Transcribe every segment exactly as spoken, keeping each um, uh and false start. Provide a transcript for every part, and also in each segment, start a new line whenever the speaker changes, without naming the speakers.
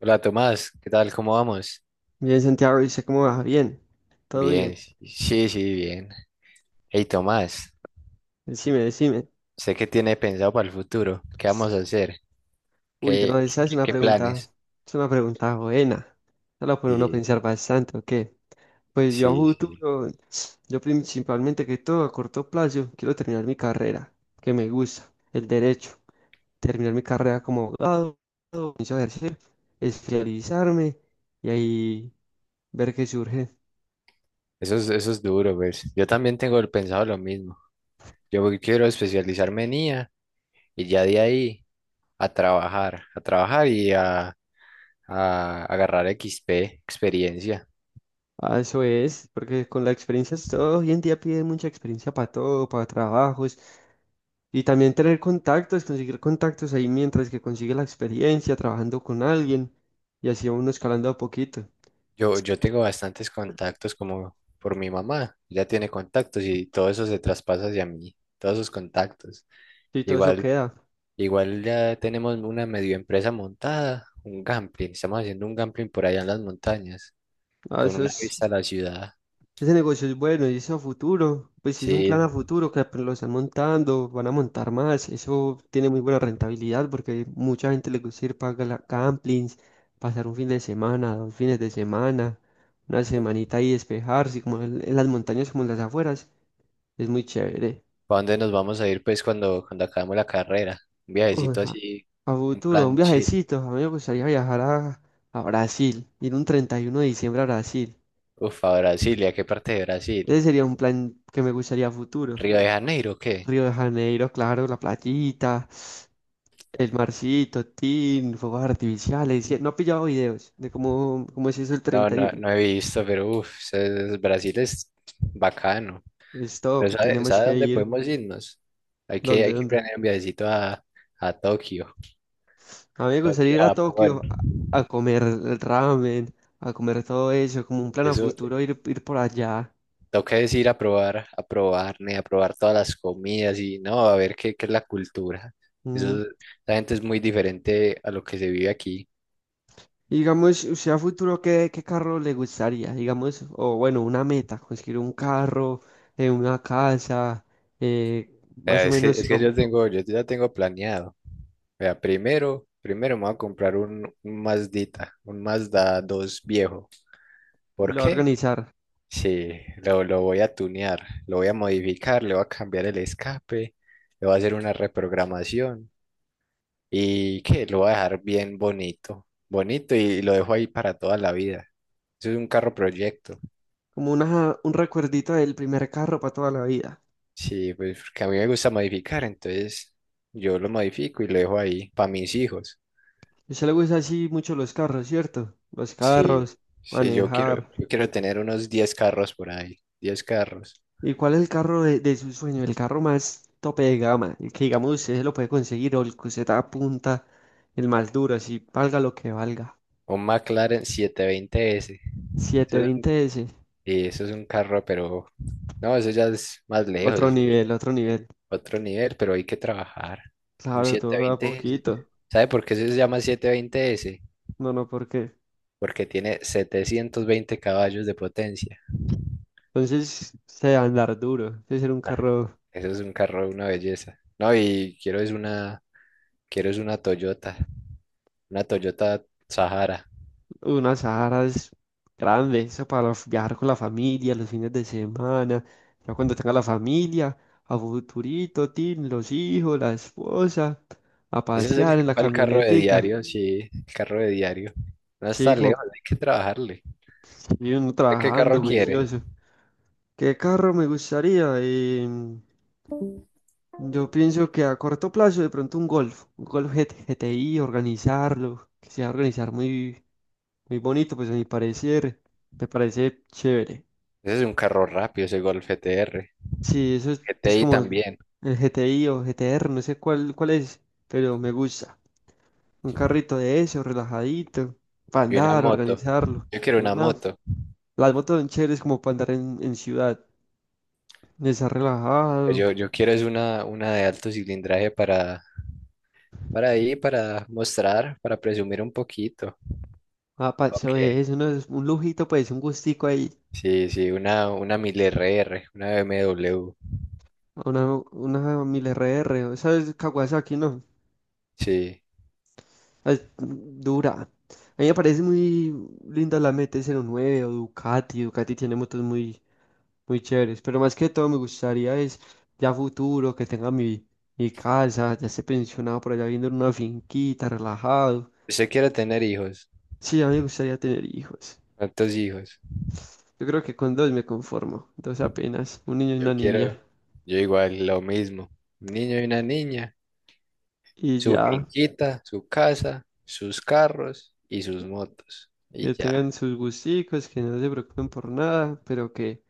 Hola Tomás, ¿qué tal? ¿Cómo vamos?
Bien, Santiago, dice cómo va. Bien, todo bien.
Bien, sí, sí, bien. Hey Tomás,
Decime, decime.
sé que tiene pensado para el futuro. ¿Qué vamos a hacer?
Uy, no,
¿Qué,
esa es
qué,
una
qué
pregunta,
planes?
es una pregunta buena. No la pone uno a
Sí,
pensar bastante, ¿o qué? Pues yo a
sí, sí.
futuro, yo principalmente que todo a corto plazo, quiero terminar mi carrera, que me gusta, el derecho. Terminar mi carrera como abogado, comienzo a ejercer, especializarme y ahí ver qué surge.
Eso es, eso es duro, pues. Yo también tengo el pensado lo mismo. Yo voy- quiero especializarme en i a y ya de ahí a trabajar, a trabajar y a, a agarrar equis pe, experiencia.
Ah, eso es, porque con la experiencia, es todo hoy en día pide mucha experiencia para todo, para trabajos. Y también tener contactos, conseguir contactos ahí mientras que consigue la experiencia trabajando con alguien y así uno escalando a poquito.
Yo, yo tengo bastantes contactos como por mi mamá, ella tiene contactos y todo eso se traspasa hacia mí, todos esos contactos.
Y todo eso
Igual,
queda.
igual ya tenemos una medio empresa montada, un gambling, estamos haciendo un gambling por allá en las montañas,
Ah,
con
eso
una
es,
vista a la ciudad.
ese negocio es bueno y eso a futuro, pues si es un plan a
Sí,
futuro que apenas lo están montando, van a montar más. Eso tiene muy buena rentabilidad porque mucha gente le gusta ir para gala- campings, pasar un fin de semana, dos fines de semana, una semanita ahí despejarse, como en en las montañas, como en las afueras. Es muy chévere.
¿para dónde nos vamos a ir pues cuando, cuando acabemos la carrera? Un
Uy,
viajecito
a,
así,
a
un
futuro, un
plan chill.
viajecito. A mí me gustaría viajar a, a Brasil, ir un treinta y uno de diciembre a Brasil.
Uf, a Brasilia, ¿qué parte de Brasil?
Ese sería un plan que me gustaría a futuro.
¿Río de Janeiro o qué?
Río de Janeiro, claro, la playita, el marcito, tin, fuegos artificiales. y- No he pillado videos de cómo, cómo es eso el
No,
treinta y
no,
uno
no he visto, pero uff, Brasil es bacano. Pero
Stop,
¿sabe,
tenemos
sabe
que
dónde
ir.
podemos irnos? Hay que,
¿Dónde,
hay que
dónde?
planear un viajecito a, a Tokio,
A mí me gustaría
Tokio,
ir a
Japón.
Tokio a, a comer el ramen, a comer todo eso, como un plan a
Eso,
futuro, ir, ir por allá.
toca es ir a probar, a probar, ne, a probar todas las comidas y no, a ver qué, qué, es la cultura.
Mm.
Eso, la gente es muy diferente a lo que se vive aquí.
Y digamos, usted a futuro, ¿qué, qué carro le gustaría? Digamos, o bueno, una meta, conseguir un carro, eh, una casa, eh, más
Eh,
o
Es que,
menos
es que
como,
yo tengo, yo ya tengo planeado. Vea, primero, primero me voy a comprar un, un Mazdita, un Mazda dos viejo.
y
¿Por
lo va a
qué?
organizar,
Sí, lo, lo voy a tunear, lo voy a modificar, le voy a cambiar el escape, le voy a hacer una reprogramación y que lo voy a dejar bien bonito, bonito y lo dejo ahí para toda la vida. Eso es un carro proyecto.
como una, un recuerdito del primer carro para toda la vida.
Sí, pues porque a mí me gusta modificar, entonces yo lo modifico y lo dejo ahí para mis hijos.
A usted le gusta así mucho los carros, ¿cierto? Los
Sí,
carros,
sí, yo quiero,
manejar.
yo quiero tener unos diez carros por ahí, diez carros.
¿Y cuál es el carro de, de su sueño? El carro más tope de gama, el que digamos usted se lo puede conseguir o el que usted apunta, el más duro, así valga lo que valga.
Un McLaren setecientos veinte s. Eso
setecientos
es, un-
veinte s
y eso es un carro. Pero no, eso ya es más lejos,
Otro
es
nivel, otro nivel.
otro nivel, pero hay que trabajar. Un
Claro,
setecientos
todo a
veinte s
poquito.
¿Sabe por qué se llama setecientos veinte s?
No, no, ¿por qué?
Porque tiene setecientos veinte caballos de potencia.
Entonces, se debe andar duro. Debe ser un
Ah,
carro,
eso es un carro, una belleza. No, y quiero es una, quiero es una, Toyota, una Toyota Sahara.
unas Sahara grandes. Eso para viajar con la familia los fines de semana. Ya cuando tenga la familia, a futurito, tin, los hijos, la esposa, a
Ese es el,
pasear en la
el carro de
camionetica.
diario, sí, el carro de diario. No
Sí,
está
como
lejos, hay que trabajarle.
sí, uno
¿De qué carro
trabajando,
quiere?
juicioso. ¿Qué carro me gustaría? Em, Yo pienso que a corto plazo de pronto un golf, un golf G T G T I, organizarlo, que sea organizar muy, muy bonito, pues a mi parecer, me parece chévere.
Ese es un carro rápido, ese Golf G T R
Sí, eso es,
G T
es
I
como
también.
el G T I o G T R, no sé cuál, cuál es, pero me gusta. Un carrito de eso, relajadito, para
Y una
andar,
moto.
organizarlo.
Yo quiero una
Una,
moto.
las motos son chéveres como para andar en, en ciudad, estar relajado,
Yo, yo quiero es una, una de alto cilindraje para, para ahí, para mostrar, para presumir un poquito.
a paseo de
Ok.
eso, ¿no? Es un lujito, pues, un gustico ahí.
Sí, sí, una, una mil r r, una b m w.
A Una, una mil R R, ¿sabes? Kawasaki, ¿no?
Sí.
Es dura. A mí me parece muy linda la M T cero nueve o Ducati. Ducati tiene motos muy, muy chéveres. Pero más que todo me gustaría es ya futuro, que tenga mi, mi casa, ya esté pensionado por allá viendo en una finquita, relajado.
¿Usted quiere tener hijos?
Sí, a mí me gustaría tener hijos.
¿Cuántos hijos?
Yo creo que con dos me conformo. Dos apenas, un niño y una
Yo
niña.
quiero, yo igual, lo mismo. Un niño y una niña.
Y
Su
ya,
finquita, su casa, sus carros y sus motos. Y
que
ya.
tengan sus gusticos, que no se preocupen por nada, pero que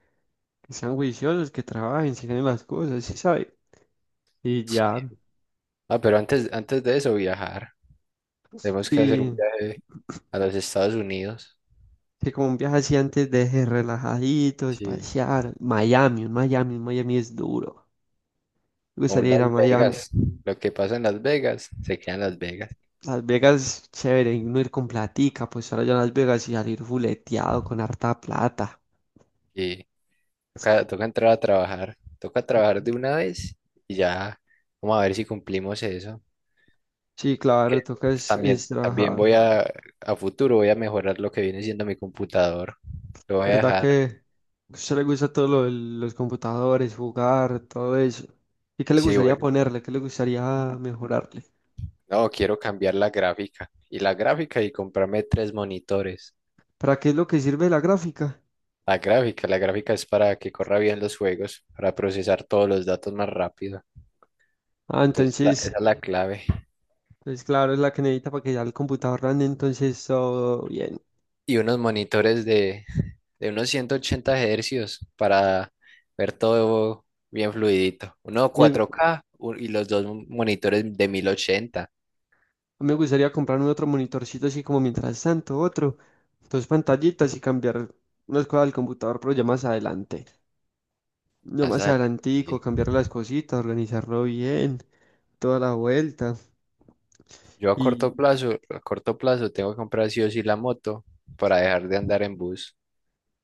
que sean juiciosos, que trabajen, se ganen las cosas, sí sabe. Y
Sí.
ya,
Ah, pero antes, antes de eso, viajar. Tenemos que hacer un
y
viaje. A los Estados Unidos.
que como un viaje así antes deje relajadito,
Sí.
espaciar. Miami, un Miami, un Miami es duro. Me
O un
gustaría
Las
ir a Miami.
Vegas. Lo que pasa en Las Vegas se queda en Las Vegas
Las Vegas, chévere, y uno ir con platica, pues ahora ya Las Vegas y salir fuleteado con harta plata.
y toca, toca entrar a trabajar. Toca trabajar de una vez y ya vamos a ver si cumplimos eso.
Sí, claro,
Que
toca es, es
también, también voy
trabajar.
a, a futuro, voy a mejorar lo que viene siendo mi computador. Lo voy a
¿Verdad
dejar.
que a usted le gusta todo lo de los computadores, jugar, todo eso? ¿Y qué le
Sí,
gustaría
voy-
ponerle? ¿Qué le gustaría mejorar?
no, quiero cambiar la gráfica. Y la gráfica y comprarme tres monitores.
¿Para qué es lo que sirve la gráfica?
La gráfica, la gráfica es para que corra bien los juegos, para procesar todos los datos más rápido.
Ah,
Entonces, la-
entonces,
esa es la clave.
pues claro, es la que necesita para que ya el computador ande, entonces todo bien.
Y unos monitores de, de unos ciento ochenta hercios para ver todo bien fluidito. Uno
Y
cuatro k u- y los dos monitores de mil ochenta.
me gustaría comprarme otro monitorcito así como mientras tanto, otro, dos pantallitas y cambiar unas cosas del computador, pero ya más adelante. Ya
Más
más
adelante.
adelantico,
Sí.
cambiar las cositas, organizarlo bien, toda la vuelta.
Yo a
Y
corto plazo, a corto plazo tengo que comprar sí o sí la moto para dejar de andar en bus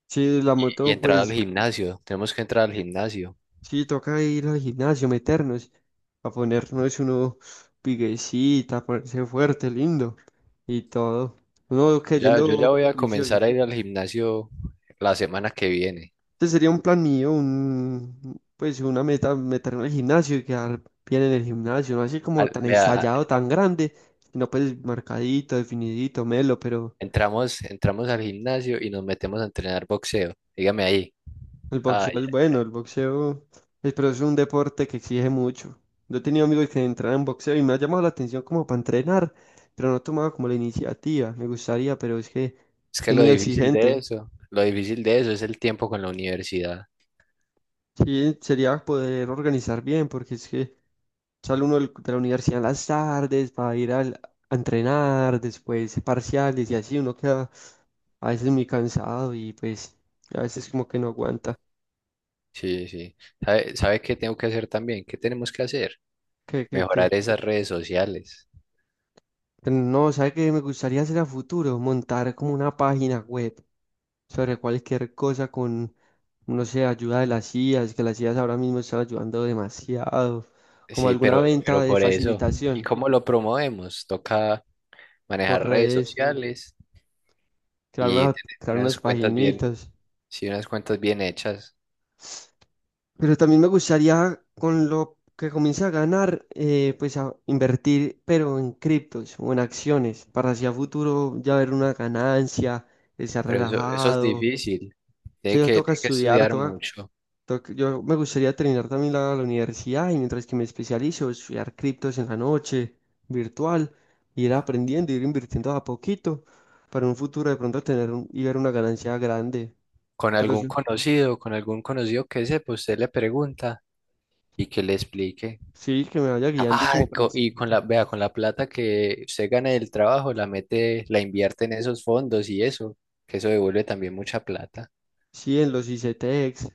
si la
y
moto,
entrar al
pues
gimnasio. Tenemos que entrar al gimnasio.
sí, toca ir al gimnasio, meternos, a ponernos uno piguecita, a ponerse fuerte, lindo y todo. Uno
Yo Ya, yo
creyendo
ya voy a
juicioso.
comenzar a ir al gimnasio la semana que viene.
Este sería un plan mío, un, pues una meta, meterme al gimnasio y quedar bien en el gimnasio, no así como
Al-
tan
vea,
estallado, tan grande, sino pues marcadito, definidito, melo, pero
Entramos, entramos al gimnasio y nos metemos a entrenar boxeo. Dígame ahí.
el boxeo
Ay,
es bueno, el boxeo, es- pero es un deporte que exige mucho. Yo he tenido amigos que entran en boxeo y me ha llamado la atención como para entrenar, pero no he tomado como la iniciativa. Me gustaría, pero es que
es que
es
lo
muy
difícil de
exigente.
eso, lo difícil de eso es el tiempo con la universidad.
Sí, sería poder organizar bien, porque es que sale uno del- de la universidad en las tardes para ir al- a entrenar, después parciales y así, uno queda a veces muy cansado y pues a veces como que no aguanta.
Sí, sí. ¿Sabe, sabe qué tengo que hacer también? ¿Qué tenemos que hacer?
¿Qué, qué, qué?
Mejorar esas redes sociales.
No, ¿sabe qué me gustaría hacer a futuro? Montar como una página web sobre cualquier cosa con, no sé, ayuda de las i as, que las i as ahora mismo están ayudando demasiado, como
Sí,
alguna
pero,
venta
pero
de
por eso. ¿Y
facilitación
cómo lo promovemos? Toca
por
manejar redes
redes,
sociales
crear una,
y tener
crear unas
unas cuentas bien,
paginitas.
sí, unas cuentas bien hechas.
Pero también me gustaría, con lo que comience a ganar, eh, pues a invertir, pero en criptos o en acciones, para hacia futuro ya ver una ganancia, estar
Pero eso, eso es
relajado. O
difícil. Tiene
sea,
que,
toca
tiene que
estudiar,
estudiar
toca
mucho.
Toc- yo me gustaría terminar también la, la universidad y mientras que me especializo, estudiar criptos en la noche, virtual, ir aprendiendo, ir invirtiendo a poquito para un futuro de pronto tener un- y ver una ganancia grande.
con
Pero
algún
sí,
conocido, con algún conocido que sepa, usted le pregunta y que le explique.
sí, que me vaya guiando y
Ah,
como
co-
prensa.
y con la, vea, con la plata que usted gana del trabajo, la mete, la invierte en esos fondos y eso, que eso devuelve también mucha plata.
Sí, en los ICTex.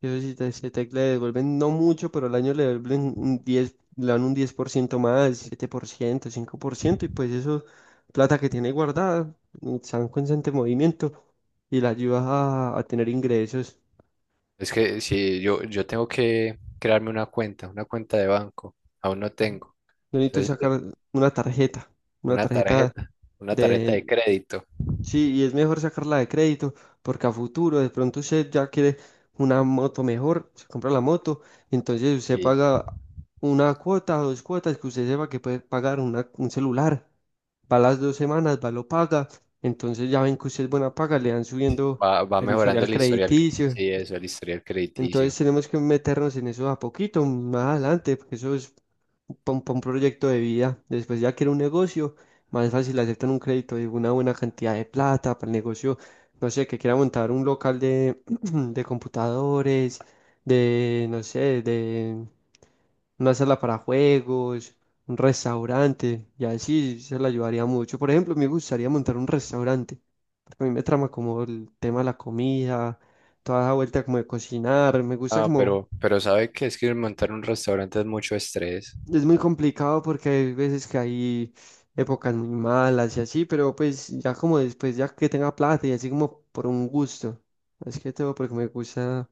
Esos ICTex le devuelven no mucho, pero al año le devuelven un diez, le dan un diez por ciento más, siete por ciento, cinco por ciento y pues eso, plata que tiene guardada, está en constante movimiento y la ayuda a, a tener ingresos.
Es que si yo, yo tengo que crearme una cuenta, una cuenta de banco, aún no
Ujú.
tengo.
Yo necesito
Entonces,
sacar una tarjeta, una
una
tarjeta
tarjeta, una tarjeta
de.
de crédito
Sí, y es mejor sacarla de crédito porque a futuro de pronto usted ya quiere una moto mejor, se compra la moto, entonces usted
y
paga una cuota o dos cuotas que usted sepa que puede pagar una- un celular, va las dos semanas, va lo paga, entonces ya ven que usted es buena paga, le van subiendo
va, va
el
mejorando
historial
el historial,
crediticio.
sí, eso, el historial crediticio.
Entonces tenemos que meternos en eso a poquito, más adelante, porque eso es para un, pa' un proyecto de vida. Después ya que era un negocio, más fácil aceptan un crédito de una buena cantidad de plata para el negocio, no sé, que quiera montar un local de, de computadores, de, no sé, de una sala para juegos, un restaurante, y así se le ayudaría mucho. Por ejemplo, me gustaría montar un restaurante, porque a mí me trama como el tema de la comida toda esa vuelta como de cocinar, me gusta
Ah,
como,
pero, pero sabe que es que montar un restaurante es mucho estrés
es muy complicado porque hay veces que hay épocas muy malas y así, pero pues ya como después, ya que tenga plata y así como por un gusto, es que todo porque me gusta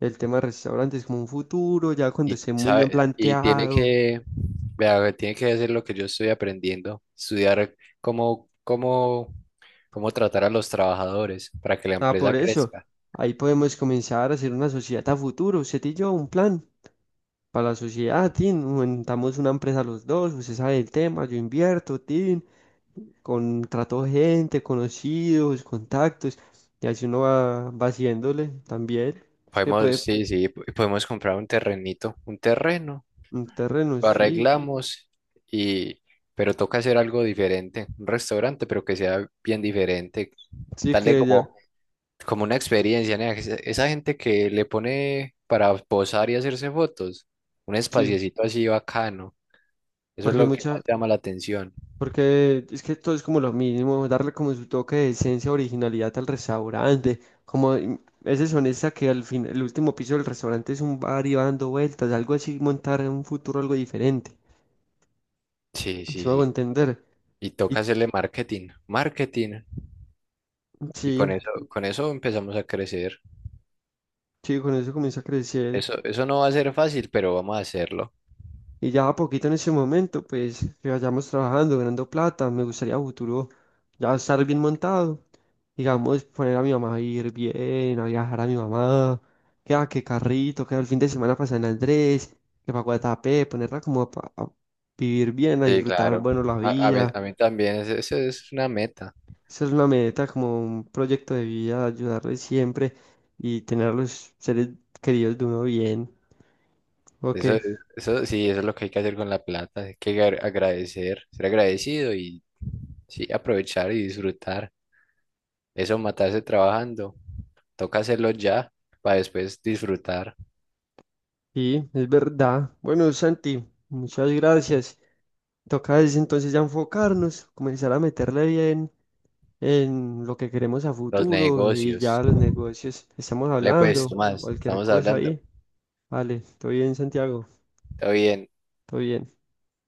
el tema de restaurantes como un futuro, ya cuando
y
esté muy bien
sabe, y tiene
planteado,
que, vea, tiene que hacer lo que yo estoy aprendiendo, estudiar cómo, cómo, cómo tratar a los trabajadores para que la
ah, por
empresa
eso,
crezca.
ahí podemos comenzar a hacer una sociedad a futuro, usted y yo, un plan. Para la sociedad, tin, montamos una empresa los dos, usted sabe el tema, yo invierto, tin, contrató gente, conocidos, contactos, y así uno va, va haciéndole también. Es que
Podemos,
puede,
sí, sí, po- podemos comprar un terrenito, un terreno,
un terreno,
lo
sí,
arreglamos y, pero toca hacer algo diferente, un restaurante, pero que sea bien diferente,
sí
darle
que ya,
como como una experiencia, nea, que esa esa gente que le pone para posar y hacerse fotos, un
sí,
espaciecito así bacano, eso es
porque hay
lo que más
mucha,
llama la atención.
porque es que todo es como lo mismo, darle como su toque de esencia, originalidad al restaurante, como mm, ese sonesta que al fin, el último piso del restaurante es un bar y va dando vueltas, algo así, montar en un futuro algo diferente,
Sí,
si
sí,
me hago
sí.
entender.
Y toca
Y
hacerle marketing, marketing. Y con
sí,
eso, con eso empezamos a crecer.
sí, con eso comienza a crecer.
Eso, eso no va a ser fácil, pero vamos a hacerlo.
Y ya a poquito en ese momento, pues que vayamos trabajando, ganando plata, me gustaría a futuro ya estar bien montado, digamos, poner a mi mamá a ir bien, a viajar a mi mamá, que a que carrito, que el fin de semana pasar en Andrés, que para Guatapé, ponerla como pa- a, vivir bien, a
Sí,
disfrutar,
claro.
bueno, la
A, a mí,
vida.
a mí también, es- esa es una meta.
Esa es una meta, como un proyecto de vida, ayudarles siempre y tener a los seres queridos de uno bien. Ok.
Eso, eso, sí, eso es lo que hay que hacer con la plata. Hay que agra- agradecer, ser agradecido y sí, aprovechar y disfrutar. Eso, matarse trabajando. Toca hacerlo ya para después disfrutar
Sí, es verdad. Bueno, Santi, muchas gracias. Toca es entonces ya enfocarnos, comenzar a meterle bien en lo que queremos a
los
futuro y
negocios.
ya los negocios. Estamos
Vale, pues,
hablando,
Tomás,
cualquier
estamos
cosa
hablando.
ahí. Vale, todo bien, Santiago,
Todo bien.
todo bien.